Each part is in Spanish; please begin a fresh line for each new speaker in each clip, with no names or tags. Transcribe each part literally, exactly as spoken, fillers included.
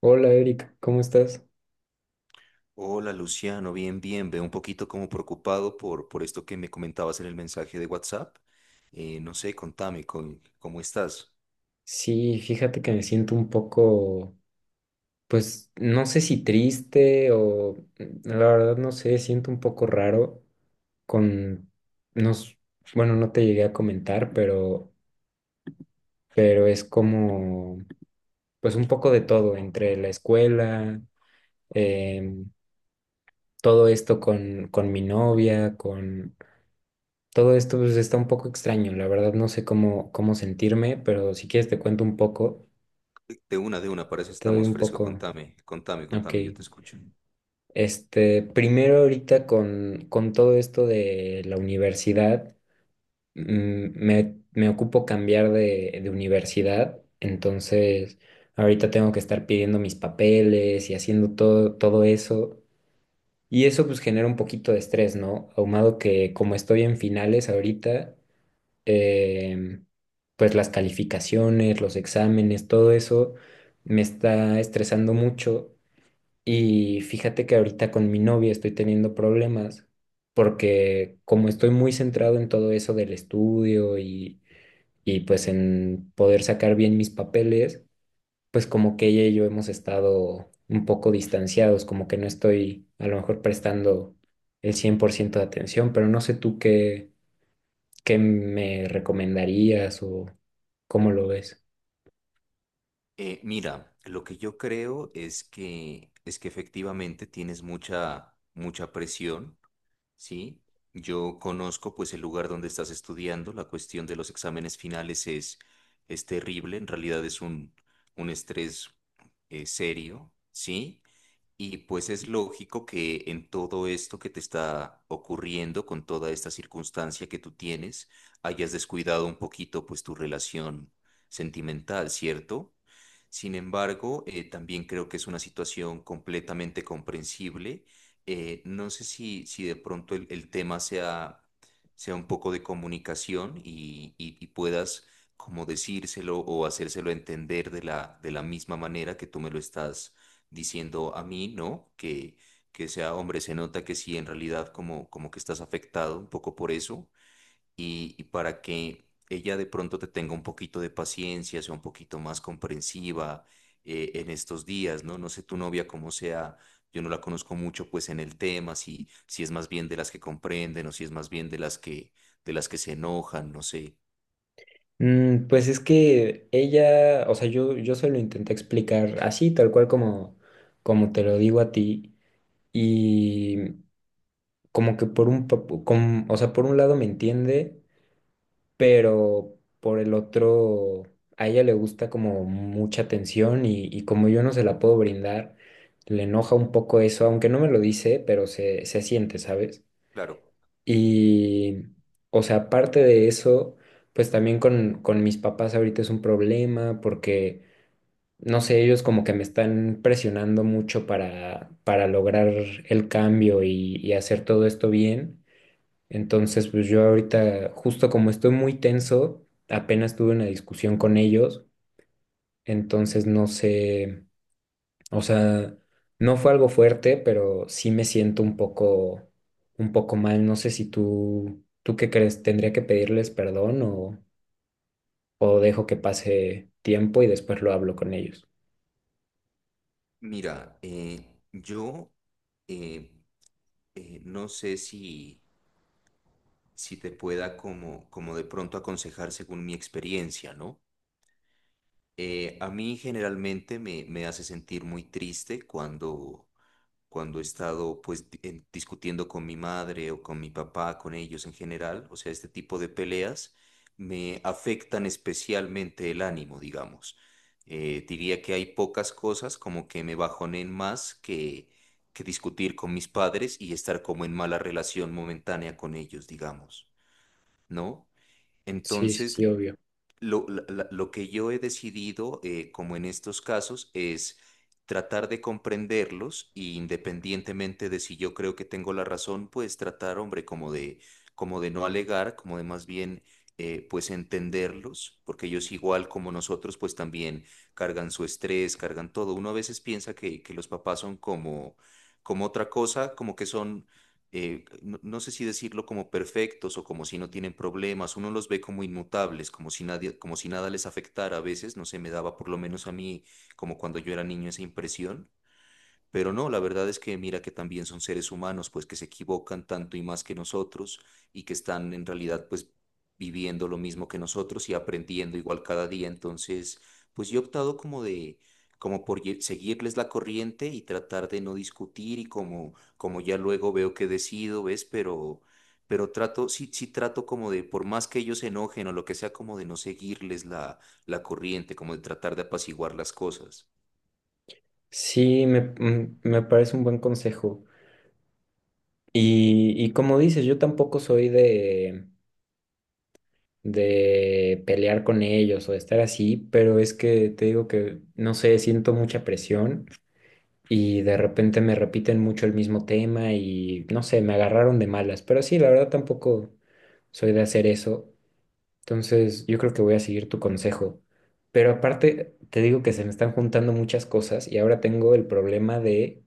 Hola Erika, ¿cómo estás?
Hola Luciano, bien, bien. Veo un poquito como preocupado por, por esto que me comentabas en el mensaje de WhatsApp. Eh, no sé, contame, con- ¿cómo estás?
Sí, fíjate que me siento un poco, pues no sé si triste o mm, la verdad no sé, siento un poco raro con, nos, bueno, no te llegué a comentar, pero, pero es como, pues un poco de todo, entre la escuela, em, todo esto con, con mi novia, con todo esto, pues está un poco extraño, la verdad no sé cómo, cómo sentirme, pero si quieres te cuento un poco,
De una, de una, para eso
te doy
estamos
un
fresco.
poco,
Contame, contame,
ok.
contame, yo te escucho.
Este, primero ahorita con, con todo esto de la universidad, mm, me, me ocupo cambiar de, de universidad, entonces ahorita tengo que estar pidiendo mis papeles y haciendo todo, todo eso. Y eso pues genera un poquito de estrés, ¿no? Ahumado que como estoy en finales ahorita, em, pues las calificaciones, los exámenes, todo eso me está estresando mucho. Y fíjate que ahorita con mi novia estoy teniendo problemas porque como estoy muy centrado en todo eso del estudio y, y pues en poder sacar bien mis papeles, pues como que ella y yo hemos estado un poco distanciados, como que no estoy a lo mejor prestando el cien por ciento de atención, pero no sé tú qué, qué me recomendarías o cómo lo ves.
Eh, mira, lo que yo creo es que es que efectivamente tienes mucha mucha presión, ¿sí? Yo conozco pues el lugar donde estás estudiando, la cuestión de los exámenes finales es es terrible, en realidad es un un estrés eh, serio, ¿sí? Y pues es lógico que en todo esto que te está ocurriendo, con toda esta circunstancia que tú tienes, hayas descuidado un poquito pues tu relación sentimental, ¿cierto? Sin embargo, eh, también creo que es una situación completamente comprensible. Eh, no sé si, si de pronto el, el tema sea, sea un poco de comunicación y, y- y puedas como decírselo o hacérselo entender de la, de la misma manera que tú me lo estás diciendo a mí, ¿no? Que, que sea hombre, se nota que sí, en realidad como, como que estás afectado un poco por eso y, y para que ella de pronto te tenga un poquito de paciencia, sea un poquito más comprensiva eh, en estos días, ¿no? No sé tu novia cómo sea, yo no la conozco mucho pues en el tema, si, si es más bien de las que comprenden o si es más bien de las que, de las que se enojan, no sé.
Mm, pues es que ella, o sea, yo, yo se lo intenté explicar así, tal cual como, como te lo digo a ti, y como que por un, pa- com- o sea, por un lado me entiende, pero por el otro, a ella le gusta como mucha atención y, y como yo no se la puedo brindar, le enoja un poco eso, aunque no me lo dice, pero se, se siente, ¿sabes?
Claro,
Y, o sea, aparte de eso, pues también con, con mis papás ahorita es un problema porque, no sé, ellos como que me están presionando mucho para, para lograr el cambio y, y hacer todo esto bien. Entonces, pues yo ahorita, justo como estoy muy tenso, apenas tuve una discusión con ellos, entonces no sé. O sea, no fue algo fuerte, pero sí me siento un poco, un poco mal. No sé si tú, ¿tú qué crees? ¿Tendría que pedirles perdón o, o dejo que pase tiempo y después lo hablo con ellos?
mira, eh, yo eh, eh, no sé si si te pueda como, como de pronto aconsejar según mi experiencia, ¿no? Eh, a mí generalmente me, me hace sentir muy triste cuando, cuando he estado pues di- en- discutiendo con mi madre o con mi papá, con ellos en general, o sea, este tipo de peleas me afectan especialmente el ánimo, digamos. Eh, diría que hay pocas cosas como que me bajonen más que, que discutir con mis padres y estar como en mala relación momentánea con ellos, digamos, ¿no?
Sí, sí,
Entonces,
sí, obvio.
lo, la- la- lo que yo he decidido, eh, como en estos casos, es tratar de comprenderlos y independientemente de si yo creo que tengo la razón, pues tratar, hombre, como de, como de no alegar, como de más bien, eh, pues entenderlos, porque ellos igual como nosotros, pues también cargan su estrés, cargan todo. Uno a veces piensa que, que los papás son como, como otra cosa, como que son eh, no, no sé si decirlo como perfectos o como si no tienen problemas, uno los ve como inmutables, como si nadie, como si nada les afectara a veces, no sé, me daba por lo menos a mí, como cuando yo era niño, esa impresión. Pero no, la verdad es que mira que también son seres humanos, pues que se equivocan tanto y más que nosotros y que están en realidad pues viviendo lo mismo que nosotros y aprendiendo igual cada día. Entonces, pues yo he optado como de, como por ye- seguirles la corriente y tratar de no discutir y como, como ya luego veo que decido, ¿ves? Pero, pero trato, sí, sí trato como de, por más que ellos se enojen o lo que sea, como de no seguirles la, la corriente, como de tratar de apaciguar las cosas.
Sí, me, mm, me parece un buen consejo. Y, y como dices, yo tampoco soy de, de pelear con ellos o de estar así, pero es que te digo que, no sé, siento mucha presión y de repente me repiten mucho el mismo tema y no sé, me agarraron de malas, pero sí, la verdad tampoco soy de hacer eso, entonces yo creo que voy a seguir tu consejo, pero aparte te digo que se me están juntando muchas cosas y ahora tengo el problema de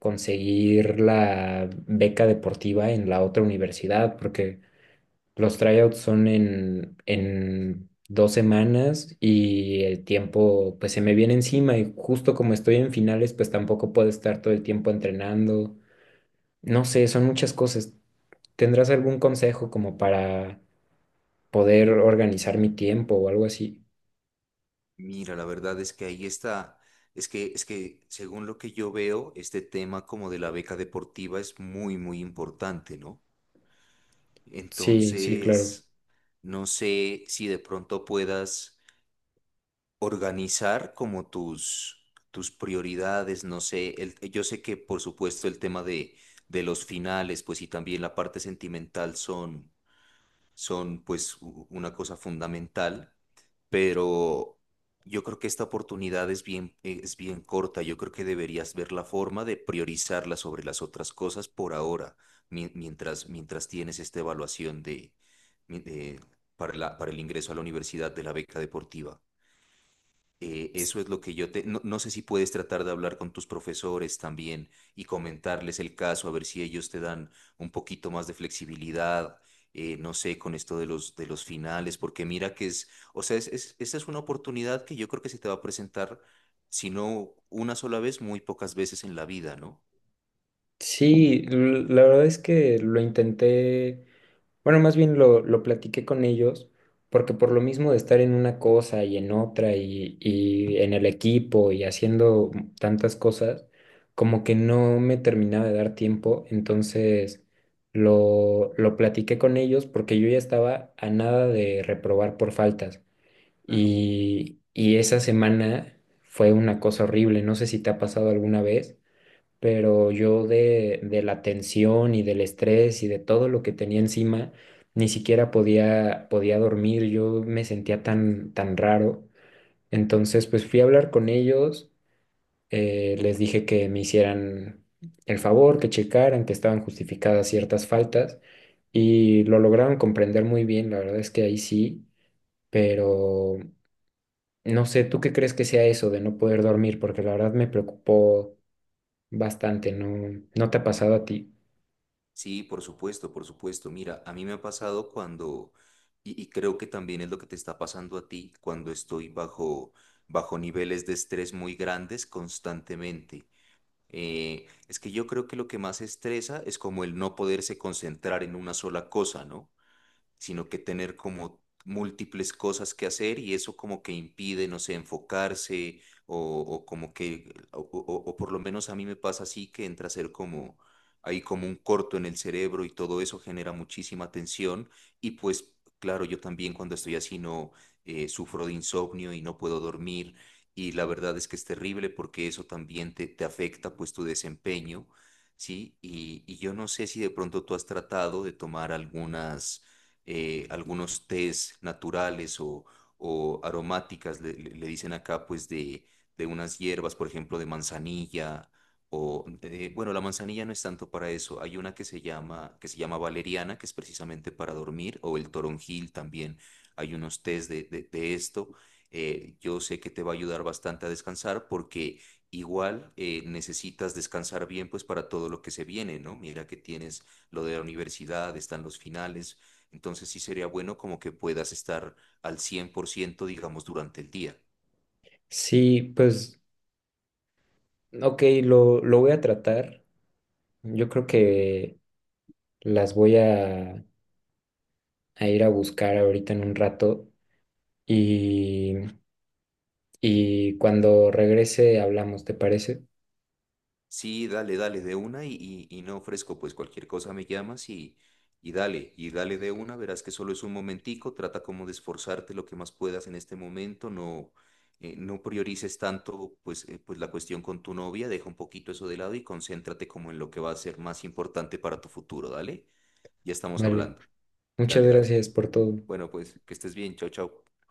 conseguir la beca deportiva en la otra universidad, porque los tryouts son en, en dos semanas y el tiempo pues se me viene encima y justo como estoy en finales pues tampoco puedo estar todo el tiempo entrenando. No sé, son muchas cosas. ¿Tendrás algún consejo como para poder organizar mi tiempo o algo así?
Mira, la verdad es que ahí está. Es que, es que según lo que yo veo, este tema como de la beca deportiva es muy, muy importante, ¿no?
Sí, sí, claro.
Entonces, no sé si de pronto puedas organizar como tus, tus prioridades, no sé, el- yo sé que por supuesto el tema de, de los finales, pues y también la parte sentimental son son pues u- una cosa fundamental, pero yo creo que esta oportunidad es bien, es bien corta. Yo creo que deberías ver la forma de priorizarla sobre las otras cosas por ahora, mien- mientras, mientras tienes esta evaluación de, mi- de- para la- para el ingreso a la universidad de la beca deportiva. Eh, eso es lo que yo te... No, no sé si puedes tratar de hablar con tus profesores también y comentarles el caso, a ver si ellos te dan un poquito más de flexibilidad, eh, no sé, con esto de los, de los finales, porque mira que es, o sea, es, es- esta es una oportunidad que yo creo que se te va a presentar, si no una sola vez, muy pocas veces en la vida, ¿no?
Sí, l- la verdad es que lo intenté. Bueno, más bien lo, lo platiqué con ellos, porque por lo mismo de estar en una cosa y en otra y, y en el equipo y haciendo tantas cosas, como que no me terminaba de dar tiempo, entonces lo, lo platiqué con ellos porque yo ya estaba a nada de reprobar por faltas.
Claro.
Y, y esa semana fue una cosa horrible, no sé si te ha pasado alguna vez pero yo de, de la tensión y del estrés y de todo lo que tenía encima, ni siquiera podía, podía dormir, yo me sentía tan, tan raro. Entonces, pues fui a hablar con ellos, eh, les dije que me hicieran el favor, que checaran que estaban justificadas ciertas faltas y lo lograron comprender muy bien, la verdad es que ahí sí, pero no sé, ¿tú qué crees que sea eso de no poder dormir? Porque la verdad me preocupó bastante, ¿no? ¿No te ha pasado a ti?
Sí, por supuesto, por supuesto. Mira, a mí me ha pasado cuando, y, y creo que también es lo que te está pasando a ti, cuando estoy bajo, bajo niveles de estrés muy grandes constantemente. Eh, es que yo creo que lo que más estresa es como el no poderse concentrar en una sola cosa, ¿no? Sino que tener como múltiples cosas que hacer y eso como que impide, no sé, enfocarse o, o como que, o, o- o por lo menos a mí me pasa así que entra a ser como, hay como un corto en el cerebro y todo eso genera muchísima tensión y pues claro, yo también cuando estoy así no eh, sufro de insomnio y no puedo dormir y la verdad es que es terrible porque eso también te, te afecta pues tu desempeño. Sí, y, y yo no sé si de pronto tú has tratado de tomar algunas, eh, algunos tés naturales o, o aromáticas, le, le- le dicen acá, pues de, de unas hierbas, por ejemplo, de manzanilla, o, eh, bueno, la manzanilla no es tanto para eso, hay una que se llama, que se llama valeriana, que es precisamente para dormir, o el toronjil también, hay unos tés de, de- de esto. Eh, yo sé que te va a ayudar bastante a descansar porque igual eh, necesitas descansar bien pues para todo lo que se viene, ¿no? Mira que tienes lo de la universidad, están los finales. Entonces sí sería bueno como que puedas estar al cien por ciento digamos, durante el día.
Sí, pues, ok, lo, lo voy a tratar. Yo creo que las voy a, a ir a buscar ahorita en un rato y, y cuando regrese hablamos, ¿te parece?
Sí, dale, dale de una y, y- y no ofrezco, pues cualquier cosa me llamas y, y dale, y dale de una, verás que solo es un momentico, trata como de esforzarte lo que más puedas en este momento, no, eh, no priorices tanto pues, eh, pues la cuestión con tu novia, deja un poquito eso de lado y concéntrate como en lo que va a ser más importante para tu futuro, dale, ya estamos
Vale,
hablando,
muchas
dale, dale.
gracias por todo.
Bueno, pues que estés bien, chao, chao.